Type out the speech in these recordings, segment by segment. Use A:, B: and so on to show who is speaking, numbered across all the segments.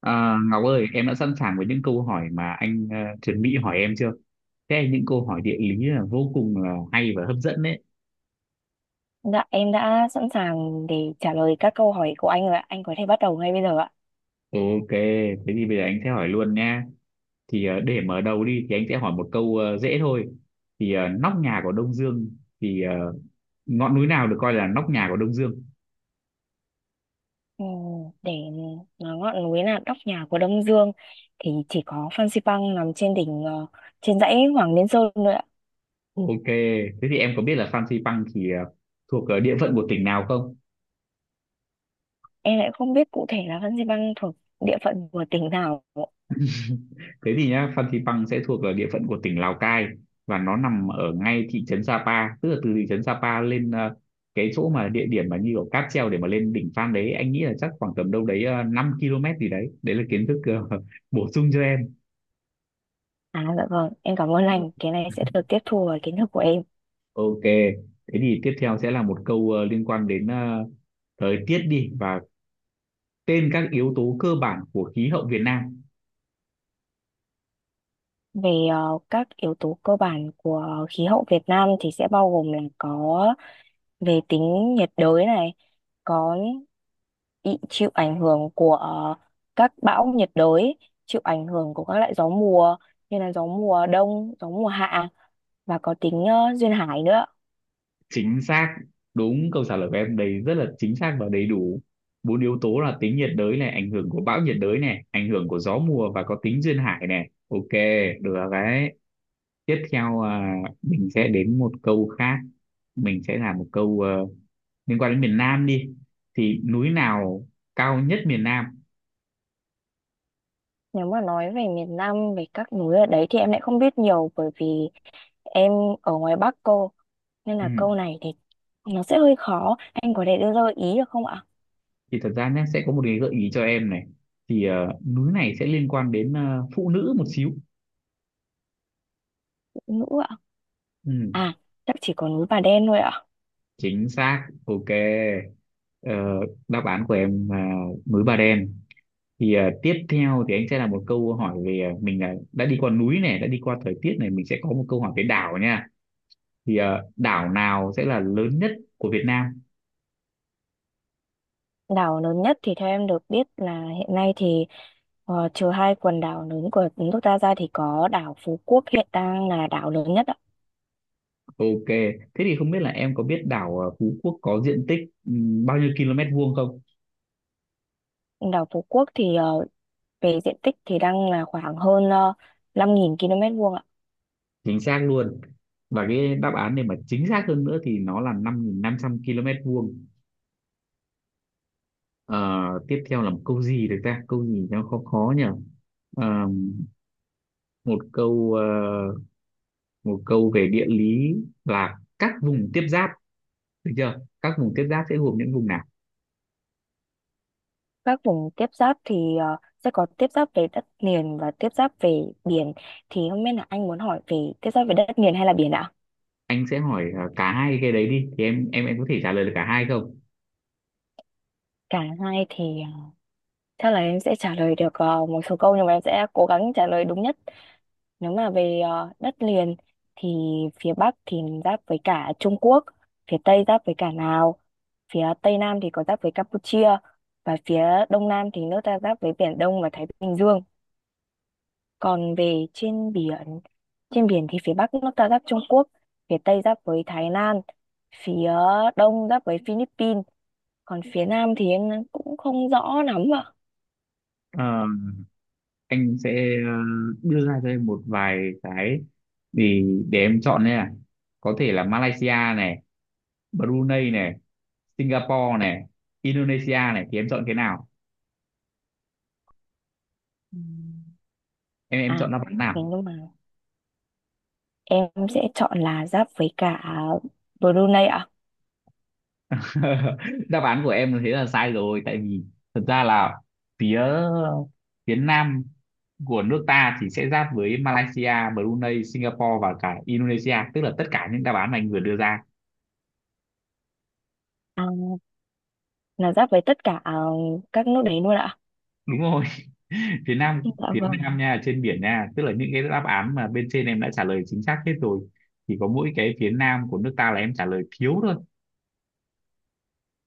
A: À, Ngọc ơi, em đã sẵn sàng với những câu hỏi mà anh chuẩn bị hỏi em chưa? Thế những câu hỏi địa lý là vô cùng là hay và hấp dẫn đấy.
B: Dạ, em đã sẵn sàng để trả lời các câu hỏi của anh rồi ạ. Anh có thể bắt đầu ngay bây giờ ạ.
A: Ok, thế thì bây giờ anh sẽ hỏi luôn nha. Để mở đầu đi thì anh sẽ hỏi một câu dễ thôi. Nóc nhà của Đông Dương thì ờ, ngọn núi nào được coi là nóc nhà của Đông Dương?
B: Ừm, Để nói ngọn núi là nóc nhà của Đông Dương thì chỉ có Phan Xipang nằm trên đỉnh trên dãy Hoàng Liên Sơn thôi ạ.
A: Ok, thế thì em có biết là Phan Xipang thuộc địa phận của tỉnh nào không?
B: Em lại không biết cụ thể là Phan Xipang thuộc địa phận của tỉnh nào.
A: Thế thì nhá, Phan Xipang sẽ thuộc ở địa phận của tỉnh Lào Cai và nó nằm ở ngay thị trấn Sapa, tức là từ thị trấn Sapa lên cái chỗ mà địa điểm mà như kiểu cáp treo để mà lên đỉnh Phan đấy, anh nghĩ là chắc khoảng tầm đâu đấy 5 km gì đấy. Đấy là kiến thức bổ sung cho em.
B: À, dạ vâng, em cảm ơn
A: Ừ.
B: anh. Cái này sẽ được tiếp thu vào kiến thức của em.
A: Ok, thế thì tiếp theo sẽ là một câu liên quan đến thời tiết đi, và tên các yếu tố cơ bản của khí hậu Việt Nam.
B: Về các yếu tố cơ bản của khí hậu Việt Nam thì sẽ bao gồm là có về tính nhiệt đới này, có bị chịu ảnh hưởng của các bão nhiệt đới, chịu ảnh hưởng của các loại gió mùa như là gió mùa đông, gió mùa hạ và có tính duyên hải nữa.
A: Chính xác, đúng câu trả lời của em đấy rất là chính xác và đầy đủ, bốn yếu tố là tính nhiệt đới này, ảnh hưởng của bão nhiệt đới này, ảnh hưởng của gió mùa và có tính duyên hải này. Ok, được rồi đấy. Tiếp theo, à, mình sẽ đến một câu khác, mình sẽ làm một câu liên quan đến miền Nam đi, thì núi nào cao nhất miền Nam?
B: Nếu mà nói về miền Nam, về các núi ở đấy thì em lại không biết nhiều bởi vì em ở ngoài Bắc cô. Nên
A: Ừ.
B: là câu này thì nó sẽ hơi khó. Anh có thể đưa ra gợi ý được không ạ?
A: Thì thật ra nhé, sẽ có một cái gợi ý cho em này, thì núi này sẽ liên quan đến phụ nữ một xíu.
B: Ngữ ạ?
A: Ừ.
B: À, chắc chỉ có núi Bà Đen thôi ạ.
A: Chính xác, ok. Ờ, đáp án của em là núi Bà Đen. Tiếp theo thì anh sẽ là một câu hỏi về mình là đã đi qua núi này, đã đi qua thời tiết này, mình sẽ có một câu hỏi về đảo nha. Đảo nào sẽ là lớn nhất của Việt Nam?
B: Đảo lớn nhất thì theo em được biết là hiện nay thì trừ hai quần đảo lớn của nước ta ra thì có đảo Phú Quốc hiện đang là đảo lớn nhất ạ.
A: Ok, thế thì không biết là em có biết đảo Phú Quốc có diện tích bao nhiêu km vuông không?
B: Đảo Phú Quốc thì về diện tích thì đang là khoảng hơn uh, 5.000 km vuông ạ.
A: Chính xác luôn. Và cái đáp án này mà chính xác hơn nữa thì nó là 5.500 km vuông. Ờ, tiếp theo là một câu gì được ta, câu gì nó khó khó nhỉ. Ờ, một câu một câu về địa lý, là các vùng tiếp giáp, được chưa? Các vùng tiếp giáp sẽ gồm những vùng nào?
B: Các vùng tiếp giáp thì sẽ có tiếp giáp về đất liền và tiếp giáp về biển. Thì không biết là anh muốn hỏi về tiếp giáp về đất liền hay là biển ạ?
A: Anh sẽ hỏi cả hai cái đấy đi, thì em có thể trả lời được cả hai không?
B: Cả hai thì chắc là em sẽ trả lời được một số câu nhưng mà em sẽ cố gắng trả lời đúng nhất. Nếu mà về đất liền thì phía Bắc thì giáp với cả Trung Quốc, phía Tây giáp với cả Lào, phía Tây Nam thì có giáp với Campuchia và phía Đông Nam thì nước ta giáp với Biển Đông và Thái Bình Dương. Còn về trên biển thì phía Bắc nước ta giáp Trung Quốc, phía Tây giáp với Thái Lan, phía Đông giáp với Philippines, còn phía Nam thì em cũng không rõ lắm ạ.
A: Ờ, anh sẽ đưa ra cho em một vài cái thì để em chọn nha. Có thể là Malaysia này, Brunei này, Singapore này, Indonesia này, thì em chọn cái nào?
B: Ừm.
A: Em chọn
B: À,
A: đáp án
B: thế
A: nào?
B: nhưng mà em sẽ chọn là giáp với cả Brunei.
A: Đáp án của em thế là sai rồi, tại vì thật ra là phía phía nam của nước ta thì sẽ giáp với Malaysia, Brunei, Singapore và cả Indonesia, tức là tất cả những đáp án mà anh vừa đưa ra.
B: À, là giáp với tất cả các nước đấy luôn ạ.
A: Đúng rồi. Phía nam,
B: Dạ
A: phía nam
B: vâng,
A: nha, trên biển nha, tức là những cái đáp án mà bên trên em đã trả lời chính xác hết rồi. Chỉ có mỗi cái phía nam của nước ta là em trả lời thiếu thôi.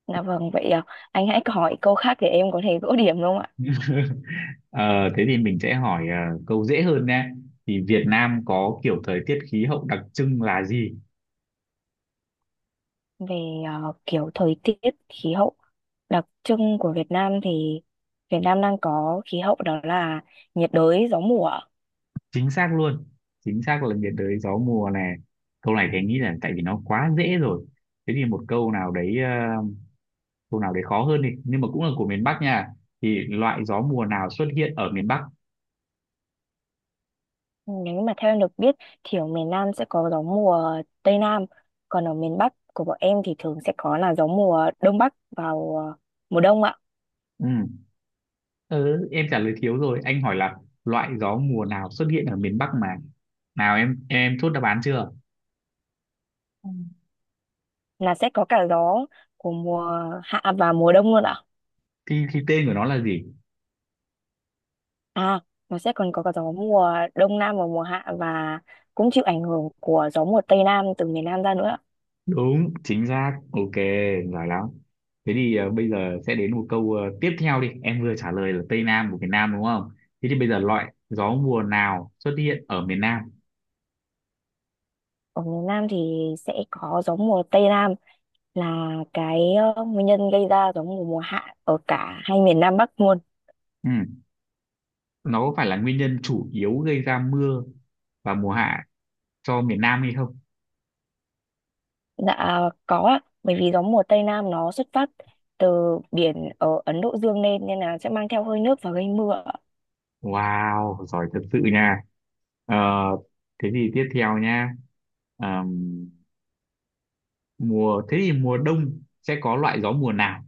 B: dạ vâng. Vậy anh hãy hỏi câu khác để em có thể gỡ điểm đúng không ạ?
A: Ờ, thế thì mình sẽ hỏi câu dễ hơn nha, thì Việt Nam có kiểu thời tiết khí hậu đặc trưng là gì?
B: Về kiểu thời tiết, khí hậu đặc trưng của Việt Nam thì Việt Nam đang có khí hậu đó là nhiệt đới, gió mùa ạ.
A: Chính xác luôn, chính xác là nhiệt đới gió mùa này. Câu này thì anh nghĩ là tại vì nó quá dễ rồi, thế thì một câu nào đấy câu nào đấy khó hơn đi, nhưng mà cũng là của miền Bắc nha, thì loại gió mùa nào xuất hiện ở miền Bắc?
B: Nếu mà theo em được biết thì ở miền Nam sẽ có gió mùa Tây Nam, còn ở miền Bắc của bọn em thì thường sẽ có là gió mùa Đông Bắc vào mùa đông ạ.
A: Ừ. Ừ, em trả lời thiếu rồi, anh hỏi là loại gió mùa nào xuất hiện ở miền Bắc mà. Nào, em chốt đáp án chưa?
B: Ừ. Là sẽ có cả gió của mùa hạ và mùa đông luôn ạ.
A: Thì tên của nó là gì?
B: À, nó sẽ còn có cả gió mùa đông nam và mùa hạ và cũng chịu ảnh hưởng của gió mùa tây nam từ miền nam ra nữa.
A: Đúng, chính xác, ok, giỏi lắm. Thế thì bây giờ sẽ đến một câu tiếp theo đi, em vừa trả lời là Tây Nam của miền Nam đúng không? Thế thì bây giờ loại gió mùa nào xuất hiện ở miền Nam?
B: Ở miền nam thì sẽ có gió mùa tây nam là cái nguyên nhân gây ra gió mùa mùa hạ ở cả hai miền nam bắc luôn.
A: Ừ. Nó có phải là nguyên nhân chủ yếu gây ra mưa và mùa hạ cho miền Nam hay không?
B: Dạ có ạ, bởi vì gió mùa tây nam nó xuất phát từ biển ở Ấn Độ Dương lên nên là sẽ mang theo hơi nước và gây mưa.
A: Wow, giỏi thật sự nha. Ờ, thế thì tiếp theo nha. Ờm, Mùa, thế thì mùa đông sẽ có loại gió mùa nào?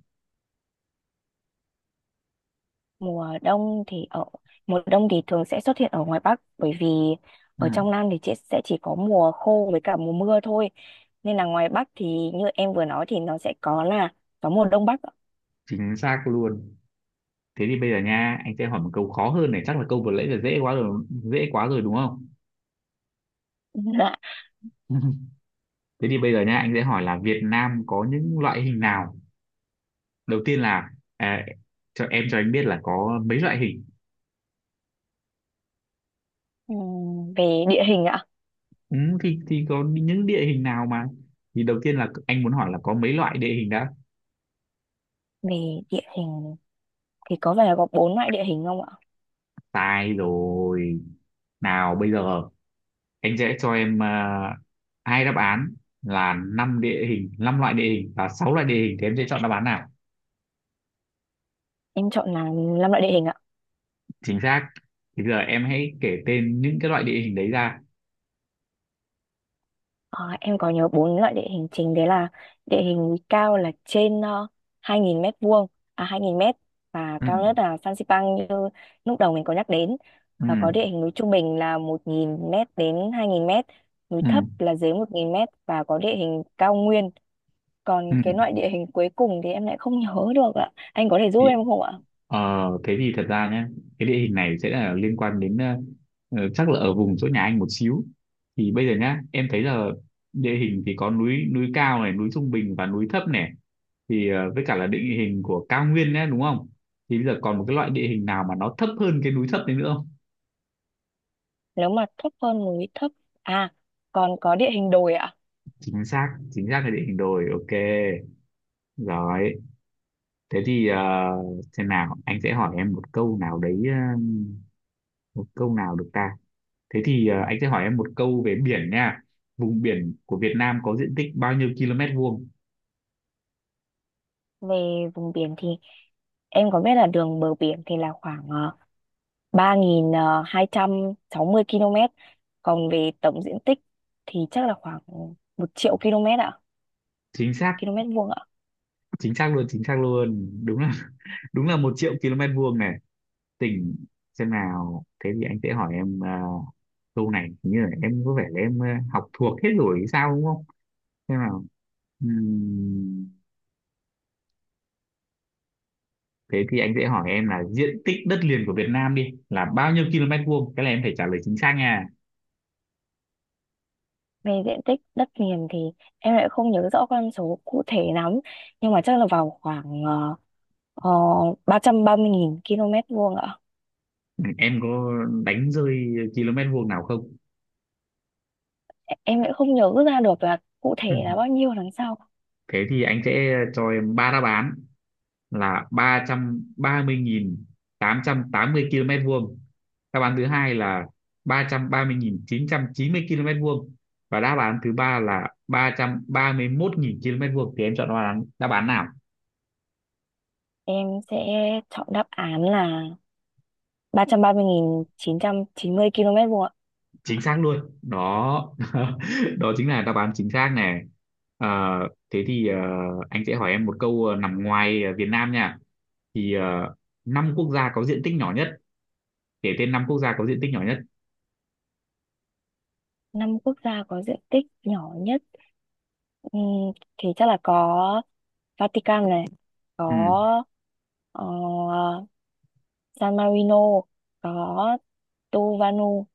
B: Mùa đông thì ở mùa đông thì thường sẽ xuất hiện ở ngoài Bắc bởi vì
A: Ừ.
B: ở trong Nam thì chỉ, sẽ chỉ có mùa khô với cả mùa mưa thôi nên là ngoài Bắc thì như em vừa nói thì nó sẽ có là gió mùa đông bắc ạ.
A: Chính xác luôn. Thế thì bây giờ nha, anh sẽ hỏi một câu khó hơn này, chắc là câu vừa nãy là dễ quá rồi, dễ quá rồi đúng không?
B: Dạ.
A: Thế thì bây giờ nha, anh sẽ hỏi là Việt Nam có những loại hình nào. Đầu tiên là, à, cho em cho anh biết là có mấy loại hình?
B: Về địa hình ạ?
A: Ừ, thì có những địa hình nào mà, thì đầu tiên là anh muốn hỏi là có mấy loại địa hình đã.
B: Về địa hình thì có vẻ là có bốn loại địa hình không ạ?
A: Sai rồi. Nào bây giờ anh sẽ cho em, à, hai đáp án là năm địa hình, năm loại địa hình và sáu loại địa hình, thì em sẽ chọn đáp án nào?
B: Em chọn là năm loại địa hình ạ.
A: Chính xác. Thì giờ em hãy kể tên những cái loại địa hình đấy ra.
B: Ờ, em có nhớ bốn loại địa hình chính đấy là địa hình núi cao là trên 2.000 mét vuông, à, 2.000 mét và
A: Ừ.
B: cao nhất là Phan Xipang như lúc đầu mình có nhắc đến,
A: Ừ.
B: và có địa hình núi trung bình là 1.000 mét đến 2.000 mét, núi
A: Ừ.
B: thấp là dưới 1.000 mét và có địa hình cao nguyên. Còn
A: Ừ.
B: cái loại địa hình cuối cùng thì em lại không nhớ được ạ, anh có thể giúp
A: Thì
B: em không ạ?
A: ờ, thế thì thật ra nhé, cái địa hình này sẽ là liên quan đến chắc là ở vùng chỗ nhà anh một xíu. Thì bây giờ nhá, em thấy là địa hình thì có núi, núi cao này, núi trung bình và núi thấp này, thì với cả là địa hình của cao nguyên nhé, đúng không? Thì bây giờ còn một cái loại địa hình nào mà nó thấp hơn cái núi thấp đấy nữa không?
B: Nếu mà thấp hơn núi thấp à, còn có địa hình đồi ạ.
A: Chính xác, chính xác là địa hình đồi, ok. Rồi, thế thì xem nào, anh sẽ hỏi em một câu nào đấy một câu nào được ta. Thế thì anh sẽ hỏi em một câu về biển nha. Vùng biển của Việt Nam có diện tích bao nhiêu km vuông?
B: Về vùng biển thì em có biết là đường bờ biển thì là khoảng 3.260 km, còn về tổng diện tích thì chắc là khoảng 1.000.000 km ạ,
A: Chính xác,
B: km vuông ạ.
A: chính xác luôn, chính xác luôn, đúng là đúng là một triệu km vuông này. Tỉnh, xem nào, thế thì anh sẽ hỏi em câu này hình như là em có vẻ là em học thuộc hết rồi hay sao đúng không? Xem nào. Ừm, Thế thì anh sẽ hỏi em là diện tích đất liền của Việt Nam đi, là bao nhiêu km vuông, cái này em phải trả lời chính xác nha.
B: Về diện tích đất liền thì em lại không nhớ rõ con số cụ thể lắm, nhưng mà chắc là vào khoảng 330.000 km vuông ạ.
A: Ừ, em có đánh rơi km vuông nào không?
B: Em lại không nhớ ra được là cụ thể
A: Ừ.
B: là bao nhiêu đằng sau.
A: Thế thì anh sẽ cho em ba đáp án, là ba ba trăm trăm mươi nghìn tám trăm tám mươi km vuông, đáp án thứ hai là ba ba trăm trăm mươi nghìn chín trăm chín mươi km vuông, và đáp án thứ ba là ba ba trăm ba mươi mốt nghìn km vuông, thì em chọn đáp án nào?
B: Em sẽ chọn đáp án là ba ba trăm trăm mươi nghìn chín trăm chín mươi km vuông ạ.
A: Chính xác luôn đó. Đó chính là đáp án chính xác này. Ờ, thế thì anh sẽ hỏi em một câu nằm ngoài Việt Nam nha. thì ờ, Năm quốc gia có diện tích nhỏ nhất, kể tên năm quốc gia có diện tích nhỏ nhất.
B: Năm quốc gia có diện tích nhỏ nhất. Ừ, thì chắc là có Vatican này,
A: Ừ.
B: có ờ, San Marino, có Tuvalu,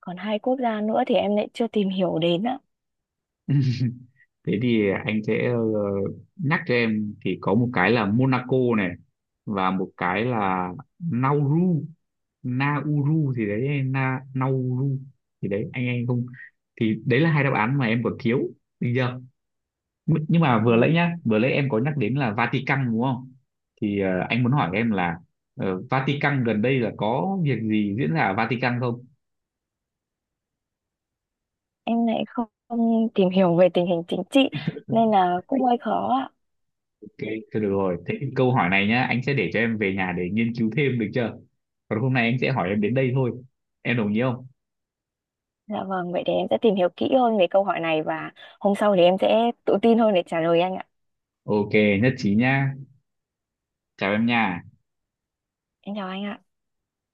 B: còn hai quốc gia nữa thì em lại chưa tìm hiểu đến á.
A: Thế thì anh sẽ nhắc cho em, thì có một cái là Monaco này và một cái là Nauru. Nauru thì đấy, Nauru thì đấy, anh không, thì đấy là hai đáp án mà em còn thiếu, được chưa? Nh- nhưng mà vừa nãy
B: Ừ,
A: nhá, vừa nãy em có nhắc đến là Vatican đúng không? Thì anh muốn hỏi em là Vatican gần đây là có việc gì diễn ra ở Vatican không?
B: em lại không tìm hiểu về tình hình chính trị nên là cũng hơi khó ạ.
A: Ok, thôi được rồi, thế thì câu hỏi này nhá, anh sẽ để cho em về nhà để nghiên cứu thêm, được chưa? Còn hôm nay anh sẽ hỏi em đến đây thôi, em đồng ý không?
B: Dạ vâng, vậy thì em sẽ tìm hiểu kỹ hơn về câu hỏi này và hôm sau thì em sẽ tự tin hơn để trả lời anh ạ.
A: Ok, nhất trí nhá, chào em nha.
B: Em chào anh ạ.